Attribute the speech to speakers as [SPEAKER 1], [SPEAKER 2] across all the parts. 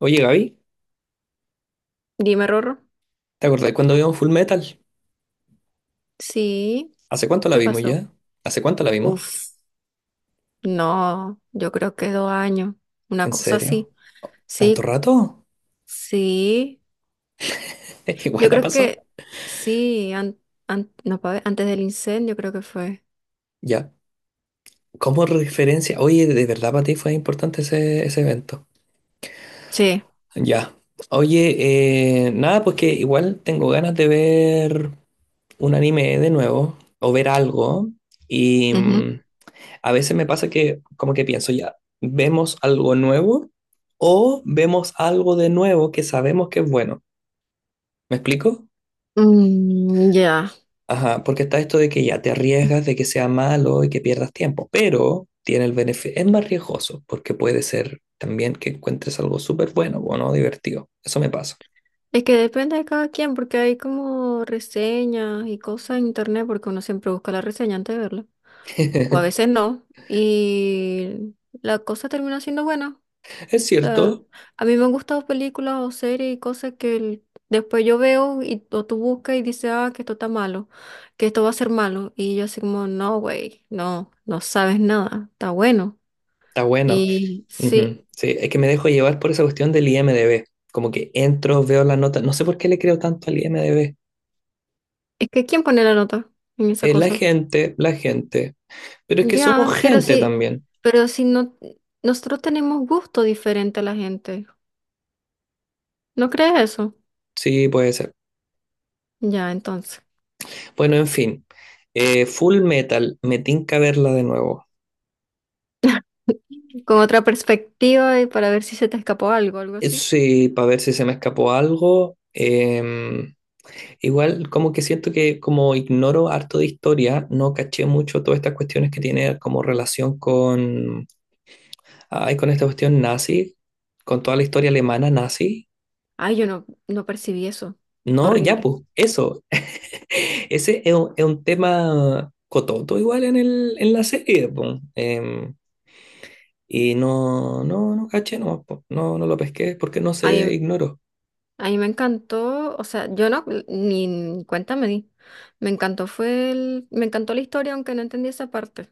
[SPEAKER 1] Oye, Gaby,
[SPEAKER 2] Dime, Rorro.
[SPEAKER 1] ¿te acordás cuando vimos Full Metal?
[SPEAKER 2] Sí,
[SPEAKER 1] ¿Hace cuánto la
[SPEAKER 2] ¿qué
[SPEAKER 1] vimos
[SPEAKER 2] pasó?
[SPEAKER 1] ya? ¿Hace cuánto la vimos?
[SPEAKER 2] Uf, no, yo creo que 2 años, una
[SPEAKER 1] ¿En
[SPEAKER 2] cosa
[SPEAKER 1] serio?
[SPEAKER 2] así.
[SPEAKER 1] ¿Tanto
[SPEAKER 2] Sí,
[SPEAKER 1] rato?
[SPEAKER 2] sí,
[SPEAKER 1] Es que
[SPEAKER 2] yo
[SPEAKER 1] igual la
[SPEAKER 2] creo
[SPEAKER 1] pasó.
[SPEAKER 2] que sí, no, pa' ver, antes del incendio creo que fue.
[SPEAKER 1] Ya. Como referencia, oye, de verdad para ti fue importante ese evento.
[SPEAKER 2] Sí,
[SPEAKER 1] Ya. Oye, nada, pues que igual tengo ganas de ver un anime de nuevo o ver algo. Y
[SPEAKER 2] ujú.
[SPEAKER 1] a veces me pasa que como que pienso, ya, vemos algo nuevo o vemos algo de nuevo que sabemos que es bueno. ¿Me explico?
[SPEAKER 2] Mm, ya.
[SPEAKER 1] Ajá, porque está esto de que ya te arriesgas de que sea malo y que pierdas tiempo, pero tiene el beneficio, es más riesgoso, porque puede ser también que encuentres algo súper bueno bueno, divertido. Eso me pasa.
[SPEAKER 2] Es que depende de cada quien, porque hay como reseñas y cosas en internet, porque uno siempre busca la reseña antes de verla, o a veces no, y la cosa termina siendo buena.
[SPEAKER 1] Es
[SPEAKER 2] Sea,
[SPEAKER 1] cierto,
[SPEAKER 2] a mí me han gustado películas o series y cosas que después yo veo y o tú buscas y dices, ah, que esto está malo, que esto va a ser malo. Y yo así como, no, güey, no, no sabes nada, está bueno.
[SPEAKER 1] está bueno.
[SPEAKER 2] Y
[SPEAKER 1] Ujú.
[SPEAKER 2] sí,
[SPEAKER 1] Sí, es que me dejo llevar por esa cuestión del IMDb. Como que entro, veo la nota, no sé por qué le creo tanto al IMDb.
[SPEAKER 2] es que ¿quién pone la nota en esa cosa?
[SPEAKER 1] La gente, pero es que somos
[SPEAKER 2] Ya, pero
[SPEAKER 1] gente
[SPEAKER 2] sí,
[SPEAKER 1] también.
[SPEAKER 2] pero si no, nosotros tenemos gusto diferente a la gente. ¿No crees eso?
[SPEAKER 1] Sí, puede ser.
[SPEAKER 2] Ya, entonces,
[SPEAKER 1] Bueno, en fin. Full Metal, me tinca verla de nuevo.
[SPEAKER 2] con otra perspectiva y para ver si se te escapó algo, algo así.
[SPEAKER 1] Sí, para ver si se me escapó algo. Igual, como que siento que como ignoro harto de historia, no caché mucho todas estas cuestiones que tiene como relación con, con esta cuestión nazi, con toda la historia alemana nazi.
[SPEAKER 2] Ay, yo no, no percibí eso.
[SPEAKER 1] No, ya
[SPEAKER 2] Horrible.
[SPEAKER 1] pues, eso. Ese es un tema cototo igual en el, en la serie, po. Y no caché, no lo pesqué porque no
[SPEAKER 2] A
[SPEAKER 1] se
[SPEAKER 2] mí,
[SPEAKER 1] ignoró.
[SPEAKER 2] a mí me encantó, o sea, yo no, ni, ni cuenta me di. Me encantó fue el, me encantó la historia, aunque no entendí esa parte.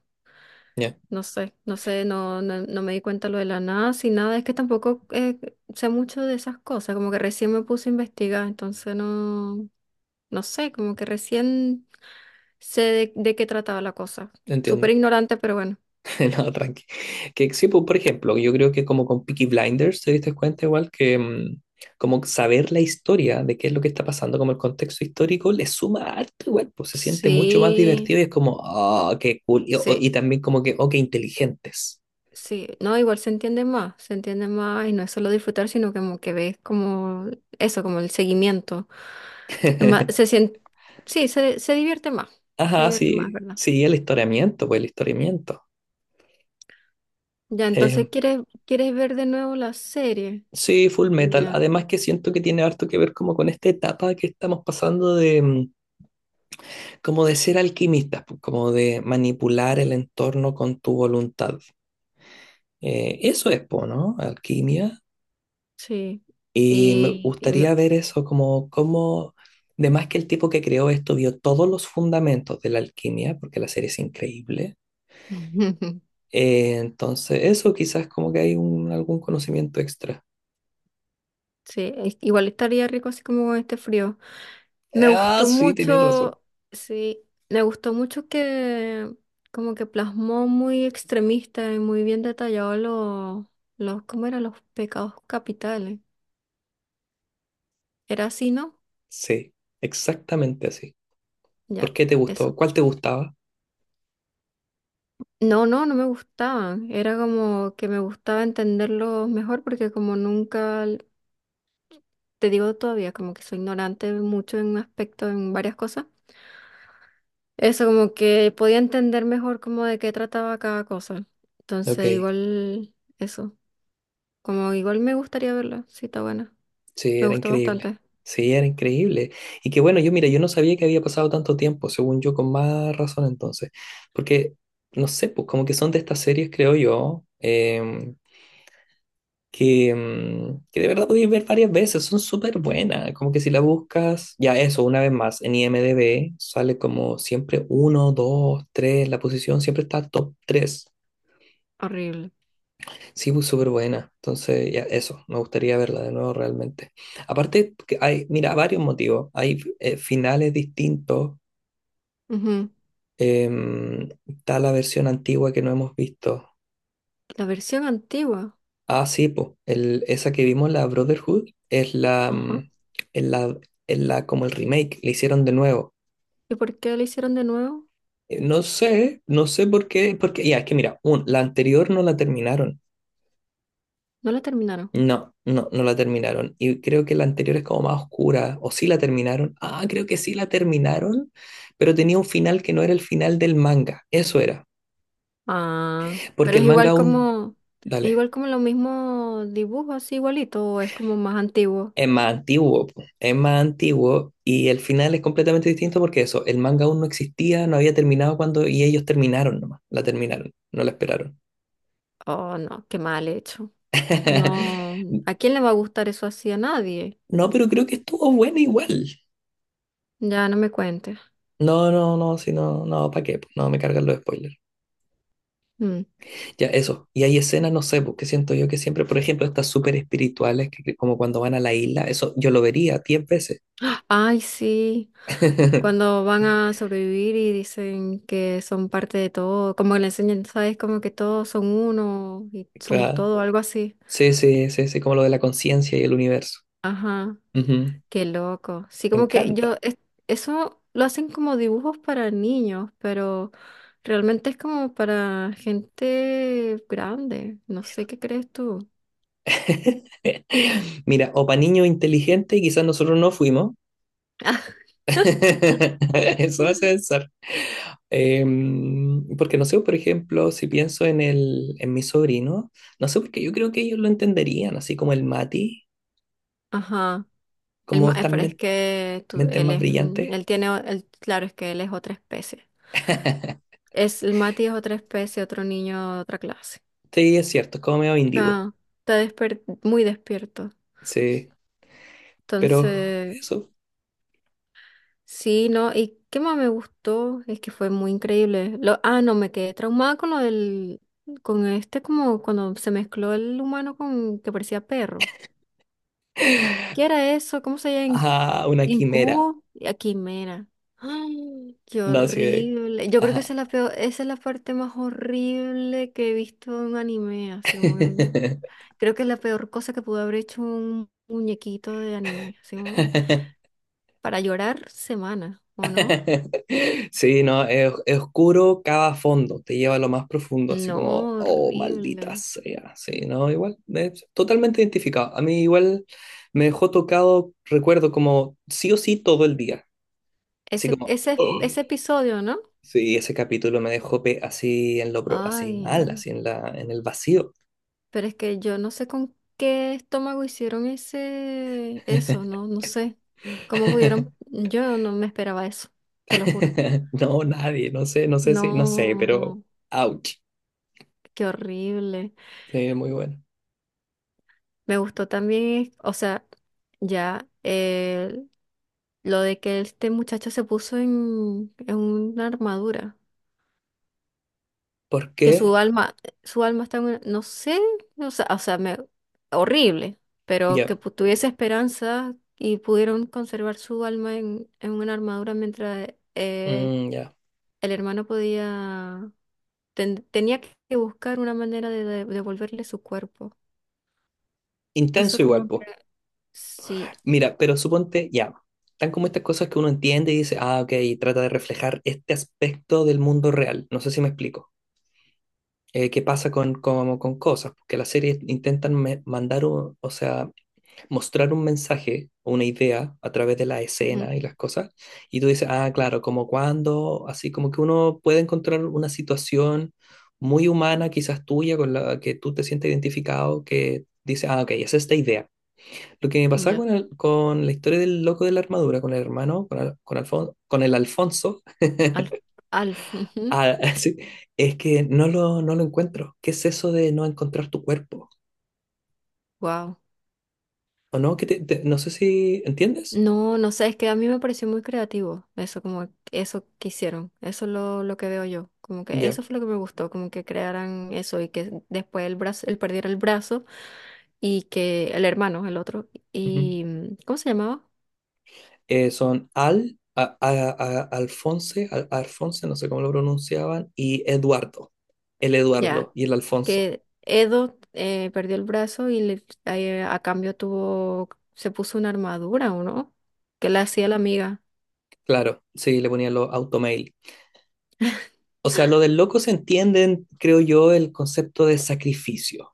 [SPEAKER 1] Ya,
[SPEAKER 2] No sé, no sé, no, no, no me di cuenta lo de la NASA y nada. Es que tampoco sé mucho de esas cosas, como que recién me puse a investigar, entonces no, no sé, como que recién sé de qué trataba la cosa. Súper
[SPEAKER 1] entiendo.
[SPEAKER 2] ignorante, pero bueno.
[SPEAKER 1] No, tranqui. Que sí, pues, por ejemplo, yo creo que como con Peaky Blinders te diste cuenta igual que como saber la historia de qué es lo que está pasando, como el contexto histórico, le suma harto igual, pues se siente mucho más
[SPEAKER 2] Sí,
[SPEAKER 1] divertido y es como, ah, qué cool. Y, o-
[SPEAKER 2] sí.
[SPEAKER 1] y también como que, oh, qué inteligentes.
[SPEAKER 2] Sí, no, igual se entiende más y no es solo disfrutar, sino como que ves como eso, como el seguimiento. Es más, sí, se, se
[SPEAKER 1] Ajá,
[SPEAKER 2] divierte más,
[SPEAKER 1] sí,
[SPEAKER 2] ¿verdad?
[SPEAKER 1] sí, el historiamiento, pues el historiamiento.
[SPEAKER 2] Ya,
[SPEAKER 1] Eh,
[SPEAKER 2] entonces quieres, quieres ver de nuevo la serie.
[SPEAKER 1] sí, Full Metal.
[SPEAKER 2] Ya,
[SPEAKER 1] Además que siento que tiene harto que ver como con esta etapa que estamos pasando de como de ser alquimista, po, como de manipular el entorno con tu voluntad. Eso es, po, ¿no? Alquimia.
[SPEAKER 2] sí.
[SPEAKER 1] Y me
[SPEAKER 2] Y, y me-
[SPEAKER 1] gustaría ver eso de más que el tipo que creó esto vio todos los fundamentos de la alquimia, porque la serie es increíble. Entonces, eso quizás como que hay algún conocimiento extra.
[SPEAKER 2] sí, igual estaría rico así como con este frío. Me
[SPEAKER 1] Ah,
[SPEAKER 2] gustó
[SPEAKER 1] sí, tienes razón.
[SPEAKER 2] mucho, sí, me gustó mucho que como que plasmó muy extremista y muy bien detallado los, ¿cómo eran? Los pecados capitales. ¿Era así, no?
[SPEAKER 1] Sí, exactamente así.
[SPEAKER 2] Ya,
[SPEAKER 1] ¿Por qué te
[SPEAKER 2] eso.
[SPEAKER 1] gustó? ¿Cuál te gustaba?
[SPEAKER 2] No, no, no me gustaban. Era como que me gustaba entenderlos mejor porque como nunca, te digo todavía, como que soy ignorante mucho en un aspecto, en varias cosas. Eso, como que podía entender mejor como de qué trataba cada cosa. Entonces,
[SPEAKER 1] Ok.
[SPEAKER 2] igual, eso. Como igual me gustaría verla, sí, está buena.
[SPEAKER 1] Sí,
[SPEAKER 2] Me
[SPEAKER 1] era
[SPEAKER 2] gustó
[SPEAKER 1] increíble.
[SPEAKER 2] bastante.
[SPEAKER 1] Sí, era increíble. Y que bueno. Yo mira, yo no sabía que había pasado tanto tiempo, según yo, con más razón entonces. Porque, no sé, pues como que son de estas series, creo yo, que de verdad podéis ver varias veces, son súper buenas. Como que si la buscas, ya eso, una vez más, en IMDb sale como siempre uno, dos, tres, la posición siempre está top tres.
[SPEAKER 2] Horrible.
[SPEAKER 1] Sí, pues súper buena. Entonces, ya, eso, me gustaría verla de nuevo realmente. Aparte, que hay, mira, varios motivos. Hay finales distintos.
[SPEAKER 2] Ujú.
[SPEAKER 1] Em, está la versión antigua que no hemos visto.
[SPEAKER 2] La versión antigua.
[SPEAKER 1] Ah, sí, pues, el, esa que vimos, la Brotherhood, es la,
[SPEAKER 2] Ajá.
[SPEAKER 1] mm, es la, es la, como el remake, le hicieron de nuevo.
[SPEAKER 2] ¿Y por qué la hicieron de nuevo?
[SPEAKER 1] No sé, no sé por qué, porque, ya, es que mira, la anterior no la terminaron.
[SPEAKER 2] No la terminaron.
[SPEAKER 1] No la terminaron. Y creo que la anterior es como más oscura. O sí la terminaron. Ah, creo que sí la terminaron, pero tenía un final que no era el final del manga. Eso era.
[SPEAKER 2] Ah,
[SPEAKER 1] Porque
[SPEAKER 2] pero
[SPEAKER 1] el manga aún,
[SPEAKER 2] es
[SPEAKER 1] dale,
[SPEAKER 2] igual como lo mismo dibujo, así igualito, o es como más antiguo.
[SPEAKER 1] es más antiguo, po. Es más antiguo y el final es completamente distinto porque eso, el manga aún no existía, no había terminado cuando, y ellos terminaron nomás. La terminaron, no la esperaron.
[SPEAKER 2] Oh, no, qué mal hecho. No, ¿a quién le va a gustar eso así? A nadie.
[SPEAKER 1] No, pero creo que estuvo buena igual.
[SPEAKER 2] Ya no me cuentes.
[SPEAKER 1] No, no, no, si no, no, ¿para qué? No, me cargan los spoilers.
[SPEAKER 2] Mm.
[SPEAKER 1] Ya, eso. Y hay escenas, no sé, porque siento yo que siempre, por ejemplo, estas súper espirituales, que como cuando van a la isla, eso yo lo vería 10 veces.
[SPEAKER 2] Ay, sí. Cuando van a sobrevivir y dicen que son parte de todo, como que le enseñan, ¿sabes? Como que todos son uno y somos
[SPEAKER 1] Claro.
[SPEAKER 2] todo, algo así.
[SPEAKER 1] Sí, sí, sí, sí, como lo de la conciencia y el universo.
[SPEAKER 2] Ajá,
[SPEAKER 1] Ujú.
[SPEAKER 2] qué loco. Sí,
[SPEAKER 1] Me
[SPEAKER 2] como que yo,
[SPEAKER 1] encanta.
[SPEAKER 2] eso lo hacen como dibujos para niños, pero realmente es como para gente grande. No sé qué crees tú.
[SPEAKER 1] Mira, o para niños inteligentes, y quizás nosotros no fuimos. Eso hace pensar. Porque no sé, por ejemplo, si pienso en el, en mi sobrino, no sé, porque yo creo que ellos lo entenderían, así como el Mati,
[SPEAKER 2] Ajá. Él,
[SPEAKER 1] como estas,
[SPEAKER 2] pero es que
[SPEAKER 1] mentes
[SPEAKER 2] él
[SPEAKER 1] más
[SPEAKER 2] es, mm,
[SPEAKER 1] brillantes.
[SPEAKER 2] él tiene, claro, es que él es otra especie. Es, el Mati es otra especie, otro niño, otra clase.
[SPEAKER 1] Sí, es cierto, es como medio índigo.
[SPEAKER 2] Ah, está muy despierto.
[SPEAKER 1] Sí, pero
[SPEAKER 2] Entonces,
[SPEAKER 1] eso.
[SPEAKER 2] sí, ¿no? ¿Y qué más me gustó? Es que fue muy increíble. Lo, ah, no, me quedé traumada con lo del, con este como cuando se mezcló el humano con que parecía perro. ¿Qué era eso? ¿Cómo se llama?
[SPEAKER 1] Ajá, una quimera.
[SPEAKER 2] ¿Incubo? Y Quimera. ¡Ay! ¡Qué
[SPEAKER 1] No, sí.
[SPEAKER 2] horrible! Yo creo que
[SPEAKER 1] Ajá.
[SPEAKER 2] esa es la peor, esa es la parte más horrible que he visto en un anime. Así como que- creo que es la peor cosa que pudo haber hecho un muñequito de anime. Así como- para llorar semanas, ¿o no?
[SPEAKER 1] Sí, no, es oscuro, cava a fondo, te lleva a lo más profundo, así
[SPEAKER 2] No,
[SPEAKER 1] como, oh, maldita
[SPEAKER 2] horrible.
[SPEAKER 1] sea. Sí, no, igual, es totalmente identificado. A mí igual me dejó tocado, recuerdo, como sí o sí todo el día. Así
[SPEAKER 2] Ese,
[SPEAKER 1] como,
[SPEAKER 2] ese,
[SPEAKER 1] oh.
[SPEAKER 2] ese episodio, ¿no?
[SPEAKER 1] Sí, ese capítulo me dejó así en lo así mal,
[SPEAKER 2] Ay.
[SPEAKER 1] así en la en el vacío.
[SPEAKER 2] Pero es que yo no sé con qué estómago hicieron ese, eso, no, no sé. ¿Cómo pudieron? Yo no me esperaba eso, te lo juro.
[SPEAKER 1] No, nadie, no sé, no sé si, no sé, pero
[SPEAKER 2] No,
[SPEAKER 1] ouch.
[SPEAKER 2] qué horrible.
[SPEAKER 1] Sí, muy bueno.
[SPEAKER 2] Me gustó también, o sea, ya lo de que este muchacho se puso en una armadura.
[SPEAKER 1] ¿Por
[SPEAKER 2] Que
[SPEAKER 1] qué?
[SPEAKER 2] su alma está en no sé, o sea, me, horrible, pero
[SPEAKER 1] Ya,
[SPEAKER 2] que tuviese esperanza y pudieron conservar su alma en una armadura mientras eh,
[SPEAKER 1] ya.
[SPEAKER 2] el hermano podía, tenía que buscar una manera de, devolverle su cuerpo. Eso
[SPEAKER 1] Intenso igual,
[SPEAKER 2] como
[SPEAKER 1] pues.
[SPEAKER 2] que, sí,
[SPEAKER 1] Mira, pero suponte, ya. Tan como estas cosas que uno entiende y dice, ah, ok, trata de reflejar este aspecto del mundo real. No sé si me explico. ¿Qué pasa con, como con cosas? Porque las series intentan mandar, o sea, mostrar un mensaje o una idea a través de la
[SPEAKER 2] ujú,
[SPEAKER 1] escena y las cosas, y tú dices, ah, claro, como cuando, así como que uno puede encontrar una situación muy humana, quizás tuya, con la que tú te sientes identificado, que dice, ah, ok, es esta idea. Lo que me pasaba
[SPEAKER 2] ya,
[SPEAKER 1] con, con la historia del loco de la armadura, con el hermano, con el Alfonso,
[SPEAKER 2] Al, Alf,
[SPEAKER 1] ah, sí, es que no lo, no lo encuentro. ¿Qué es eso de no encontrar tu cuerpo?
[SPEAKER 2] wow.
[SPEAKER 1] ¿O no? Que no sé si entiendes.
[SPEAKER 2] No, no sé, es que a mí me pareció muy creativo eso, como eso que hicieron, eso es lo que veo yo, como que
[SPEAKER 1] Ya.
[SPEAKER 2] eso fue lo que me gustó, como que crearan eso y que después el brazo, él perdiera el brazo y que el hermano, el otro,
[SPEAKER 1] Ujú.
[SPEAKER 2] y mm, ¿cómo se llamaba?
[SPEAKER 1] Son Al, a- Alfonse, Al- Alfonse, no sé cómo lo pronunciaban, y Eduardo. El
[SPEAKER 2] Ya,
[SPEAKER 1] Eduardo y el Alfonso.
[SPEAKER 2] que Edo perdió el brazo y a cambio tuvo, se puso una armadura, ¿o no? Que le hacía la amiga.
[SPEAKER 1] Claro, sí, le ponían los automail. O sea, lo del loco se entiende, en, creo yo, el concepto de sacrificio.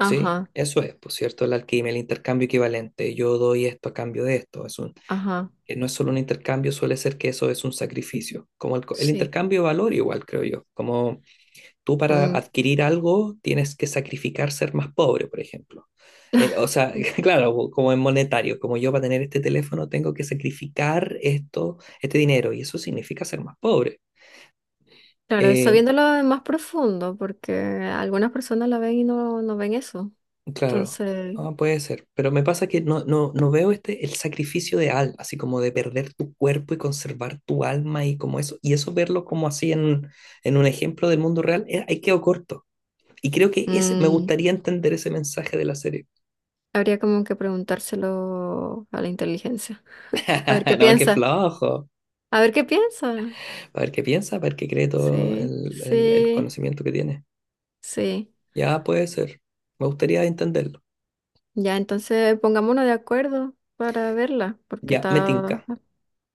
[SPEAKER 1] ¿Sí? Eso es, por cierto, la alquimia, el intercambio equivalente. Yo doy esto a cambio de esto. Es un,
[SPEAKER 2] ajá,
[SPEAKER 1] no es solo un intercambio, suele ser que eso es un sacrificio. Como el
[SPEAKER 2] sí.
[SPEAKER 1] intercambio de valor, igual, creo yo. Como tú para
[SPEAKER 2] Mm,
[SPEAKER 1] adquirir algo tienes que sacrificar ser más pobre, por ejemplo. O sea, claro, como en monetario, como yo para tener este teléfono tengo que sacrificar esto, este dinero, y eso significa ser más pobre.
[SPEAKER 2] claro,
[SPEAKER 1] Eh,
[SPEAKER 2] sabiéndolo más profundo, porque algunas personas la ven y no, no ven eso.
[SPEAKER 1] claro,
[SPEAKER 2] Entonces,
[SPEAKER 1] ah, puede ser, pero me pasa que no, no, no veo este, el sacrificio de alma, así como de perder tu cuerpo y conservar tu alma y como eso, y eso verlo como así en un ejemplo del mundo real, ahí quedo corto. Y creo que ese, me
[SPEAKER 2] mm,
[SPEAKER 1] gustaría entender ese mensaje de la serie.
[SPEAKER 2] habría como que preguntárselo a la inteligencia. A ver qué
[SPEAKER 1] No, qué
[SPEAKER 2] piensa.
[SPEAKER 1] flojo.
[SPEAKER 2] A ver qué piensa.
[SPEAKER 1] A ver qué piensa, a ver qué cree todo
[SPEAKER 2] Sí,
[SPEAKER 1] el, el
[SPEAKER 2] sí,
[SPEAKER 1] conocimiento que tiene.
[SPEAKER 2] sí.
[SPEAKER 1] Ya puede ser. Me gustaría entenderlo.
[SPEAKER 2] Ya, entonces pongámonos de acuerdo para verla, porque
[SPEAKER 1] Ya, me
[SPEAKER 2] está,
[SPEAKER 1] tinca.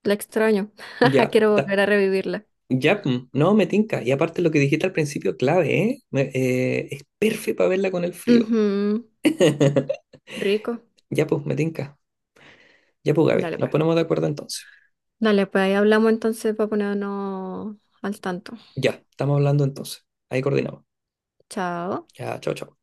[SPEAKER 2] la extraño.
[SPEAKER 1] Ya,
[SPEAKER 2] Quiero volver a revivirla.
[SPEAKER 1] no, me tinca. Y aparte lo que dijiste al principio, clave, ¿eh? Es perfecto para verla con el frío.
[SPEAKER 2] Ujú, rico.
[SPEAKER 1] Ya, pues, me tinca. Ya, pues, Gaby.
[SPEAKER 2] Dale
[SPEAKER 1] Nos
[SPEAKER 2] pues.
[SPEAKER 1] ponemos de acuerdo entonces.
[SPEAKER 2] Dale pues, ahí hablamos entonces para ponernos al tanto.
[SPEAKER 1] Ya, estamos hablando entonces. Ahí coordinamos.
[SPEAKER 2] Chao.
[SPEAKER 1] Ya, chao, chao.